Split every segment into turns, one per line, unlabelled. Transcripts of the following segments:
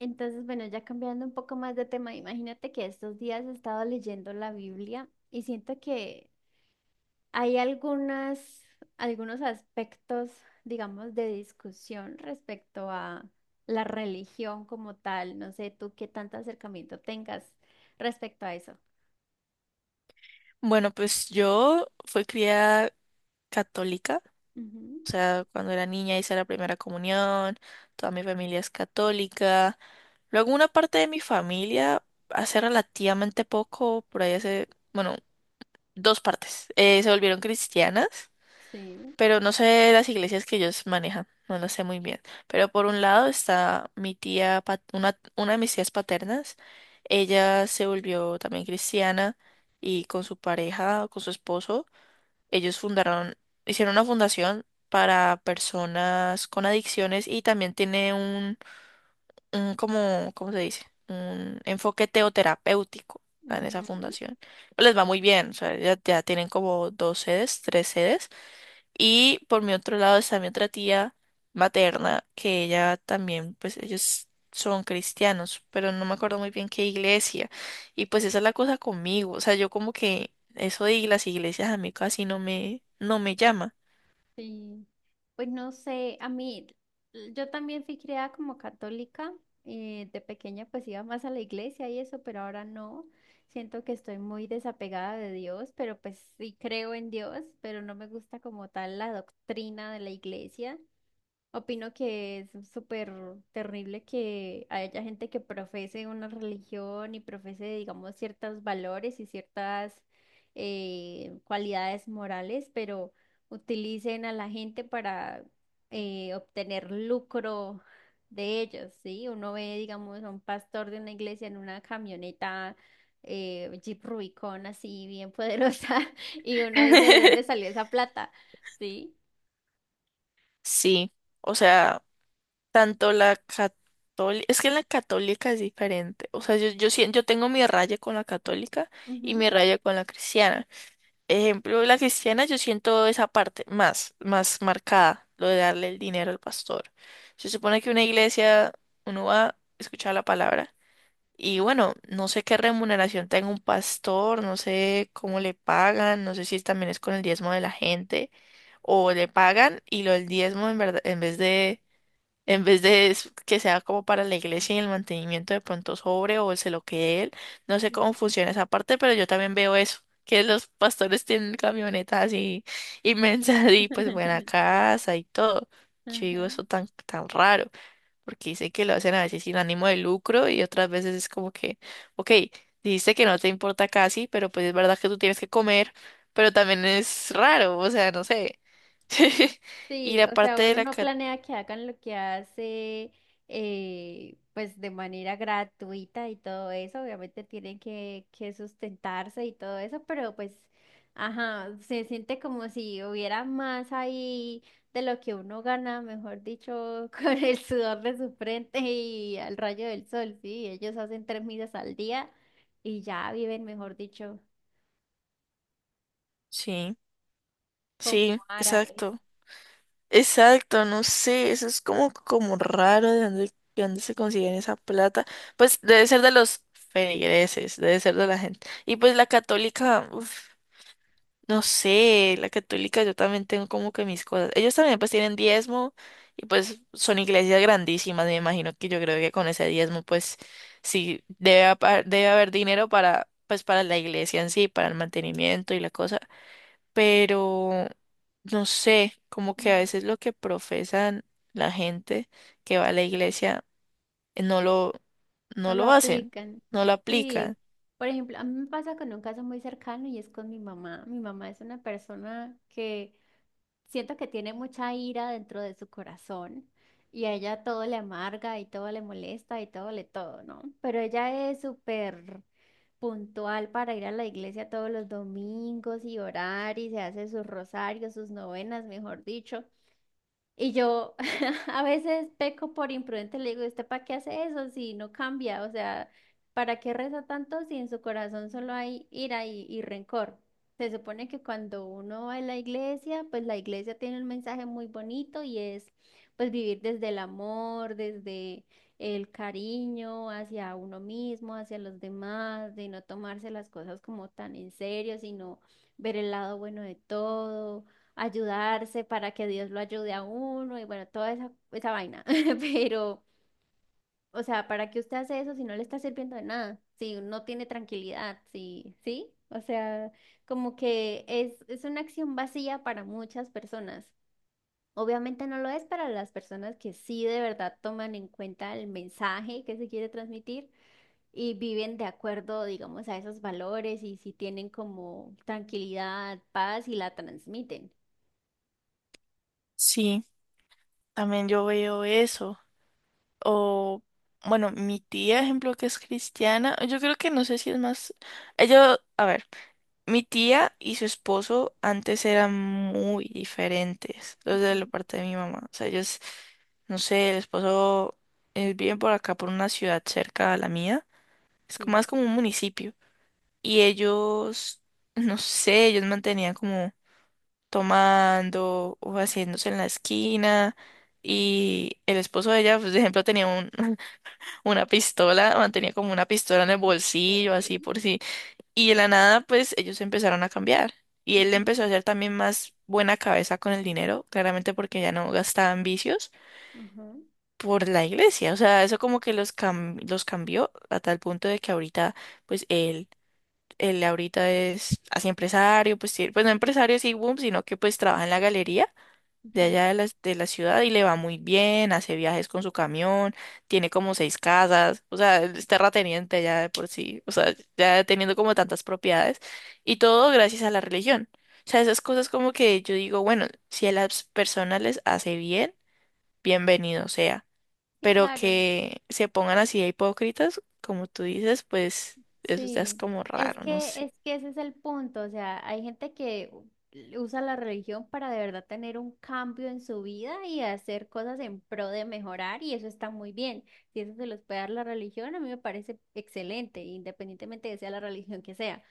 Entonces, bueno, ya cambiando un poco más de tema, imagínate que estos días he estado leyendo la Biblia y siento que hay algunos aspectos, digamos, de discusión respecto a la religión como tal. No sé tú qué tanto acercamiento tengas respecto a eso.
Bueno, pues yo fui criada católica,
Ujú.
o sea, cuando era niña hice la primera comunión, toda mi familia es católica. Luego una parte de mi familia, hace relativamente poco, por ahí hace, bueno, dos partes, se volvieron cristianas,
Sí.
pero no sé las iglesias que ellos manejan, no lo sé muy bien. Pero por un lado está mi tía, una de mis tías paternas, ella se volvió también cristiana y con su pareja, con su esposo. Ellos fundaron, hicieron una fundación para personas con adicciones y también tiene un como, ¿cómo se dice? Un enfoque teoterapéutico en esa
Ujú.
fundación. Pues les va muy bien, o sea, ya tienen como dos sedes, tres sedes, y por mi otro lado está mi otra tía materna, que ella también, pues ellos son cristianos, pero no me acuerdo muy bien qué iglesia. Y pues esa es la cosa conmigo. O sea, yo como que eso de las iglesias a mí casi no me llama.
Sí, pues no sé, a mí, yo también fui criada como católica. De pequeña pues iba más a la iglesia y eso, pero ahora no, siento que estoy muy desapegada de Dios, pero pues sí creo en Dios, pero no me gusta como tal la doctrina de la iglesia. Opino que es súper terrible que haya gente que profese una religión y profese, digamos, ciertos valores y ciertas cualidades morales, pero utilicen a la gente para obtener lucro de ellos, ¿sí? Uno ve, digamos, a un pastor de una iglesia en una camioneta Jeep Rubicon así bien poderosa y uno dice, ¿de dónde salió esa plata? ¿Sí?
Sí, o sea, tanto la católica, es que la católica es diferente. O sea, yo tengo mi raya con la católica y
Ujú.
mi raya con la cristiana. Ejemplo, la cristiana, yo siento esa parte más marcada, lo de darle el dinero al pastor. Se supone que una iglesia, uno va a escuchar la palabra y bueno, no sé qué remuneración tenga un pastor, no sé cómo le pagan, no sé si también es con el diezmo de la gente o le pagan y lo del diezmo en verdad, en vez de es- que sea como para la iglesia y el mantenimiento de pronto sobre o se lo quede él. No sé cómo funciona esa parte, pero yo también veo eso, que los pastores tienen camionetas así inmensas y pues buena
Sí.
casa y todo. Yo
Ajá.
digo eso tan raro, porque dice que lo hacen a veces sin ánimo de lucro y otras veces es como que, ok, dijiste que no te importa casi, pero pues es verdad que tú tienes que comer, pero también es raro, o sea, no sé. Y
Sí,
la
o sea,
parte de
uno
la...
no
ca-
planea que hagan lo que hace, pues de manera gratuita y todo eso, obviamente tienen que sustentarse y todo eso, pero pues, ajá, se siente como si hubiera más ahí de lo que uno gana, mejor dicho, con el sudor de su frente y al rayo del sol. Sí, ellos hacen tres misas al día y ya viven, mejor dicho,
Sí.
como
Sí,
árabes.
exacto. Exacto, no sé, eso es como, como raro de dónde se consiguen esa plata. Pues debe ser de los feligreses, debe ser de la gente. Y pues la católica, uf, no sé, la católica yo también tengo como que mis cosas. Ellos también pues tienen diezmo y pues son iglesias grandísimas, me imagino que yo creo que con ese diezmo pues sí debe, apa- debe haber dinero para pues para la iglesia en sí, para el mantenimiento y la cosa, pero no sé, como que a veces lo que profesan la gente que va a la iglesia eh, no lo,
No
no
lo
lo hacen,
aplican.
no lo
Sí,
aplican.
por ejemplo, a mí me pasa con un caso muy cercano y es con mi mamá. Mi mamá es una persona que siento que tiene mucha ira dentro de su corazón y a ella todo le amarga y todo le molesta y todo le todo, ¿no? Pero ella es súper puntual para ir a la iglesia todos los domingos y orar y se hace sus rosarios, sus novenas, mejor dicho. Y yo a veces peco por imprudente, le digo, ¿usted para qué hace eso si no cambia? O sea, ¿para qué reza tanto si en su corazón solo hay ira y rencor? Se supone que cuando uno va a la iglesia, pues la iglesia tiene un mensaje muy bonito y es pues vivir desde el amor, desde el cariño hacia uno mismo, hacia los demás, de no tomarse las cosas como tan en serio, sino ver el lado bueno de todo, ayudarse para que Dios lo ayude a uno y bueno, toda esa vaina. Pero, o sea, ¿para qué usted hace eso si no le está sirviendo de nada? Si no tiene tranquilidad, sí, sí. O sea, como que es una acción vacía para muchas personas. Obviamente no lo es para las personas que sí de verdad toman en cuenta el mensaje que se quiere transmitir y viven de acuerdo, digamos, a esos valores y si tienen como tranquilidad, paz y la transmiten.
Sí, también yo veo eso. O, bueno, mi tía, ejemplo, que es cristiana, yo creo que no sé si es más, ella, a ver. Mi tía y su esposo antes eran muy diferentes, los de la
Ujú.
parte de mi mamá. O sea, ellos, no sé, el esposo viven por acá, por una ciudad cerca a la mía. Es como-
Sí.
más como un municipio. Y ellos, no sé, ellos mantenían como tomando o haciéndose en la esquina. Y el esposo de ella, pues, por ejemplo, tenía un, una pistola, mantenía como una pistola en el bolsillo, así
Ok.
por si, y de la nada, pues ellos empezaron a cambiar. Y él empezó
Ujú,
a ser también más buena cabeza con el dinero, claramente porque ya no gastaban vicios
ujú,
por la iglesia. O sea, eso como que los cambió a tal punto de que ahorita, pues él ahorita es así empresario, pues, sí, pues no empresario así, boom, sino que pues trabaja en la galería de
ujú.
allá de la ciudad y le va muy bien, hace viajes con su camión, tiene como seis casas, o sea, es terrateniente ya de por sí, o sea, ya teniendo como tantas propiedades y todo gracias a la religión. O sea, esas cosas como que yo digo, bueno, si a las personas les hace bien, bienvenido sea,
Sí,
pero
claro,
que se pongan así de hipócritas, como tú dices, pues eso ya es
sí.
como raro, no sé.
Es que ese es el punto, o sea, hay gente que usa la religión para de verdad tener un cambio en su vida y hacer cosas en pro de mejorar y eso está muy bien. Si eso se los puede dar la religión, a mí me parece excelente, independientemente de sea la religión que sea.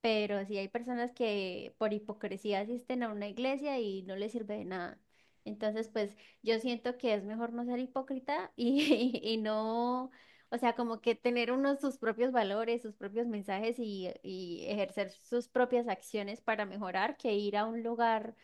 Pero sí hay personas que por hipocresía asisten a una iglesia y no les sirve de nada. Entonces, pues yo siento que es mejor no ser hipócrita y, y no, o sea, como que tener unos sus propios valores, sus propios mensajes y ejercer sus propias acciones para mejorar que ir a un lugar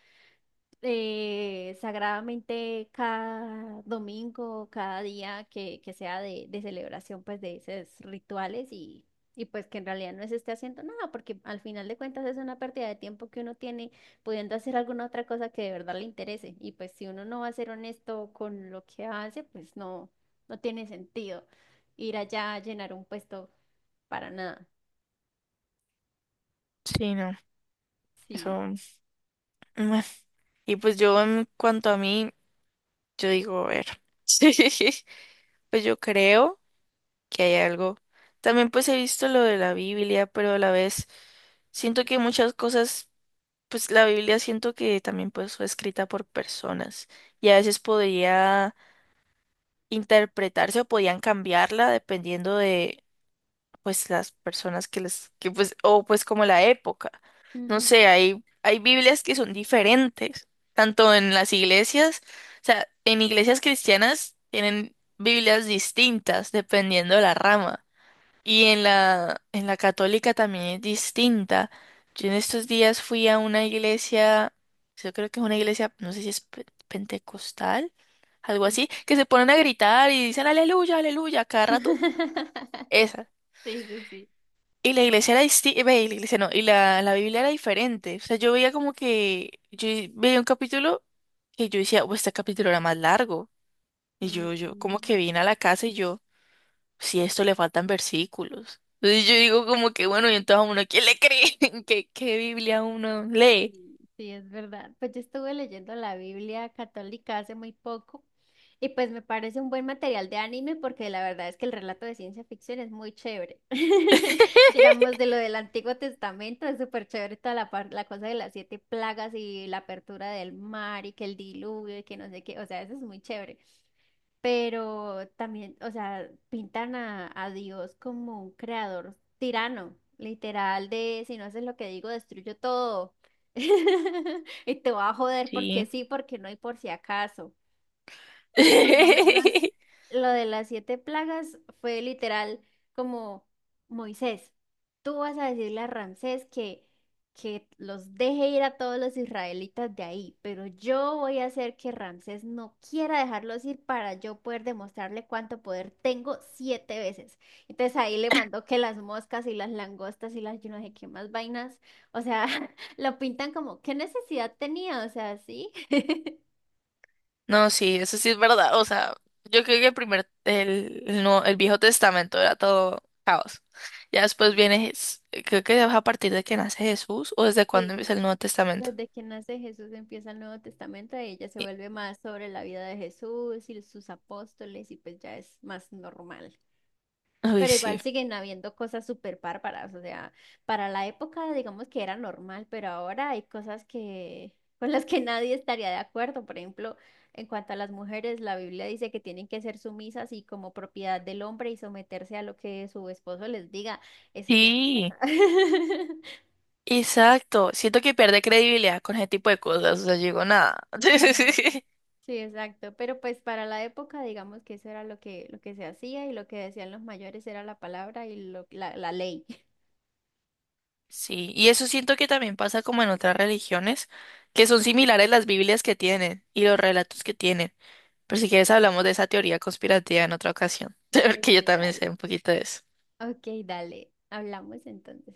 sagradamente cada domingo, cada día que sea de celebración, pues de esos rituales y pues que en realidad no se esté haciendo nada, porque al final de cuentas es una pérdida de tiempo que uno tiene pudiendo hacer alguna otra cosa que de verdad le interese. Y pues si uno no va a ser honesto con lo que hace, pues no, no tiene sentido ir allá a llenar un puesto para nada.
Sí, no,
Sí.
eso... bueno. Y pues yo en cuanto a mí... Yo digo, a ver, sí, pues yo creo que hay algo. También pues he visto lo de la Biblia, pero a la vez siento que muchas cosas, pues la Biblia siento que también pues fue escrita por personas y a veces podría interpretarse o podían cambiarla dependiendo pues las personas que les, que pues, o pues como la época. No sé,
Ujú.
hay Biblias que son diferentes, tanto en las iglesias, o sea, en iglesias cristianas tienen Biblias distintas dependiendo de la rama. Y en la católica también es distinta. Yo en estos días fui a una iglesia, yo creo que es una iglesia, no sé si es pe- pentecostal, algo
Mm.
así, que se ponen a gritar y dicen aleluya, aleluya, cada rato. Esa.
Sí, sí, sí.
Y la iglesia era distinta, la iglesia no, y la Biblia era diferente. O sea, yo veía como que, yo veía un capítulo que yo decía, oh, este capítulo era más largo. Y yo como que
Mm.
vine a la casa y yo, si a esto le faltan versículos. Entonces yo digo como que, bueno, y entonces a uno, ¿quién le cree? ¿Qué, qué Biblia uno lee?
Sí, sí, es verdad. Pues yo estuve leyendo la Biblia católica hace muy poco y pues me parece un buen material de anime porque la verdad es que el relato de ciencia ficción es muy chévere. Digamos, de lo del Antiguo Testamento es súper chévere toda la, la cosa de las siete plagas y la apertura del mar y que el diluvio y que no sé qué, o sea, eso es muy chévere, pero también, o sea, pintan a Dios como un creador tirano, literal de si no haces lo que digo, destruyo todo. Y te va a joder porque
Sí.
sí, porque no y por si acaso. Por lo menos lo de las siete plagas fue literal como Moisés, tú vas a decirle a Ramsés que los deje ir a todos los israelitas de ahí, pero yo voy a hacer que Ramsés no quiera dejarlos ir para yo poder demostrarle cuánto poder tengo siete veces. Entonces ahí le mandó que las moscas y las langostas y las yo no sé qué más vainas, o sea, lo pintan como, ¿qué necesidad tenía? O sea, sí.
No, sí, eso sí es verdad. O sea, yo creo que el primer, el, Nuevo- el Viejo Testamento era todo caos. Ya después
Sí.
viene, Jes- creo que es a partir de que nace Jesús o desde cuándo
Sí.
empieza el Nuevo Testamento.
Desde que nace Jesús empieza el Nuevo Testamento, y ya se
Y-
vuelve más sobre la vida de Jesús y sus apóstoles y pues ya es más normal.
Uy,
Pero igual
sí.
siguen habiendo cosas súper bárbaras, o sea, para la época digamos que era normal, pero ahora hay cosas que con las que nadie estaría de acuerdo. Por ejemplo, en cuanto a las mujeres, la Biblia dice que tienen que ser sumisas y como propiedad del hombre y someterse a lo que su esposo les diga. Eso ya no
Sí,
pasa.
exacto. Siento que pierde credibilidad con ese tipo de cosas. O sea, yo digo nada.
Mm. Sí, exacto. Pero pues para la época, digamos que eso era lo que se hacía y lo que decían los mayores era la palabra y la ley.
Sí, y eso siento que también pasa como en otras religiones, que son similares las Biblias que tienen y los relatos que tienen. Pero si quieres hablamos de esa teoría conspirativa en otra ocasión,
Pues
porque yo
sí,
también sé
dale.
un poquito de eso.
Ok, dale. Hablamos entonces.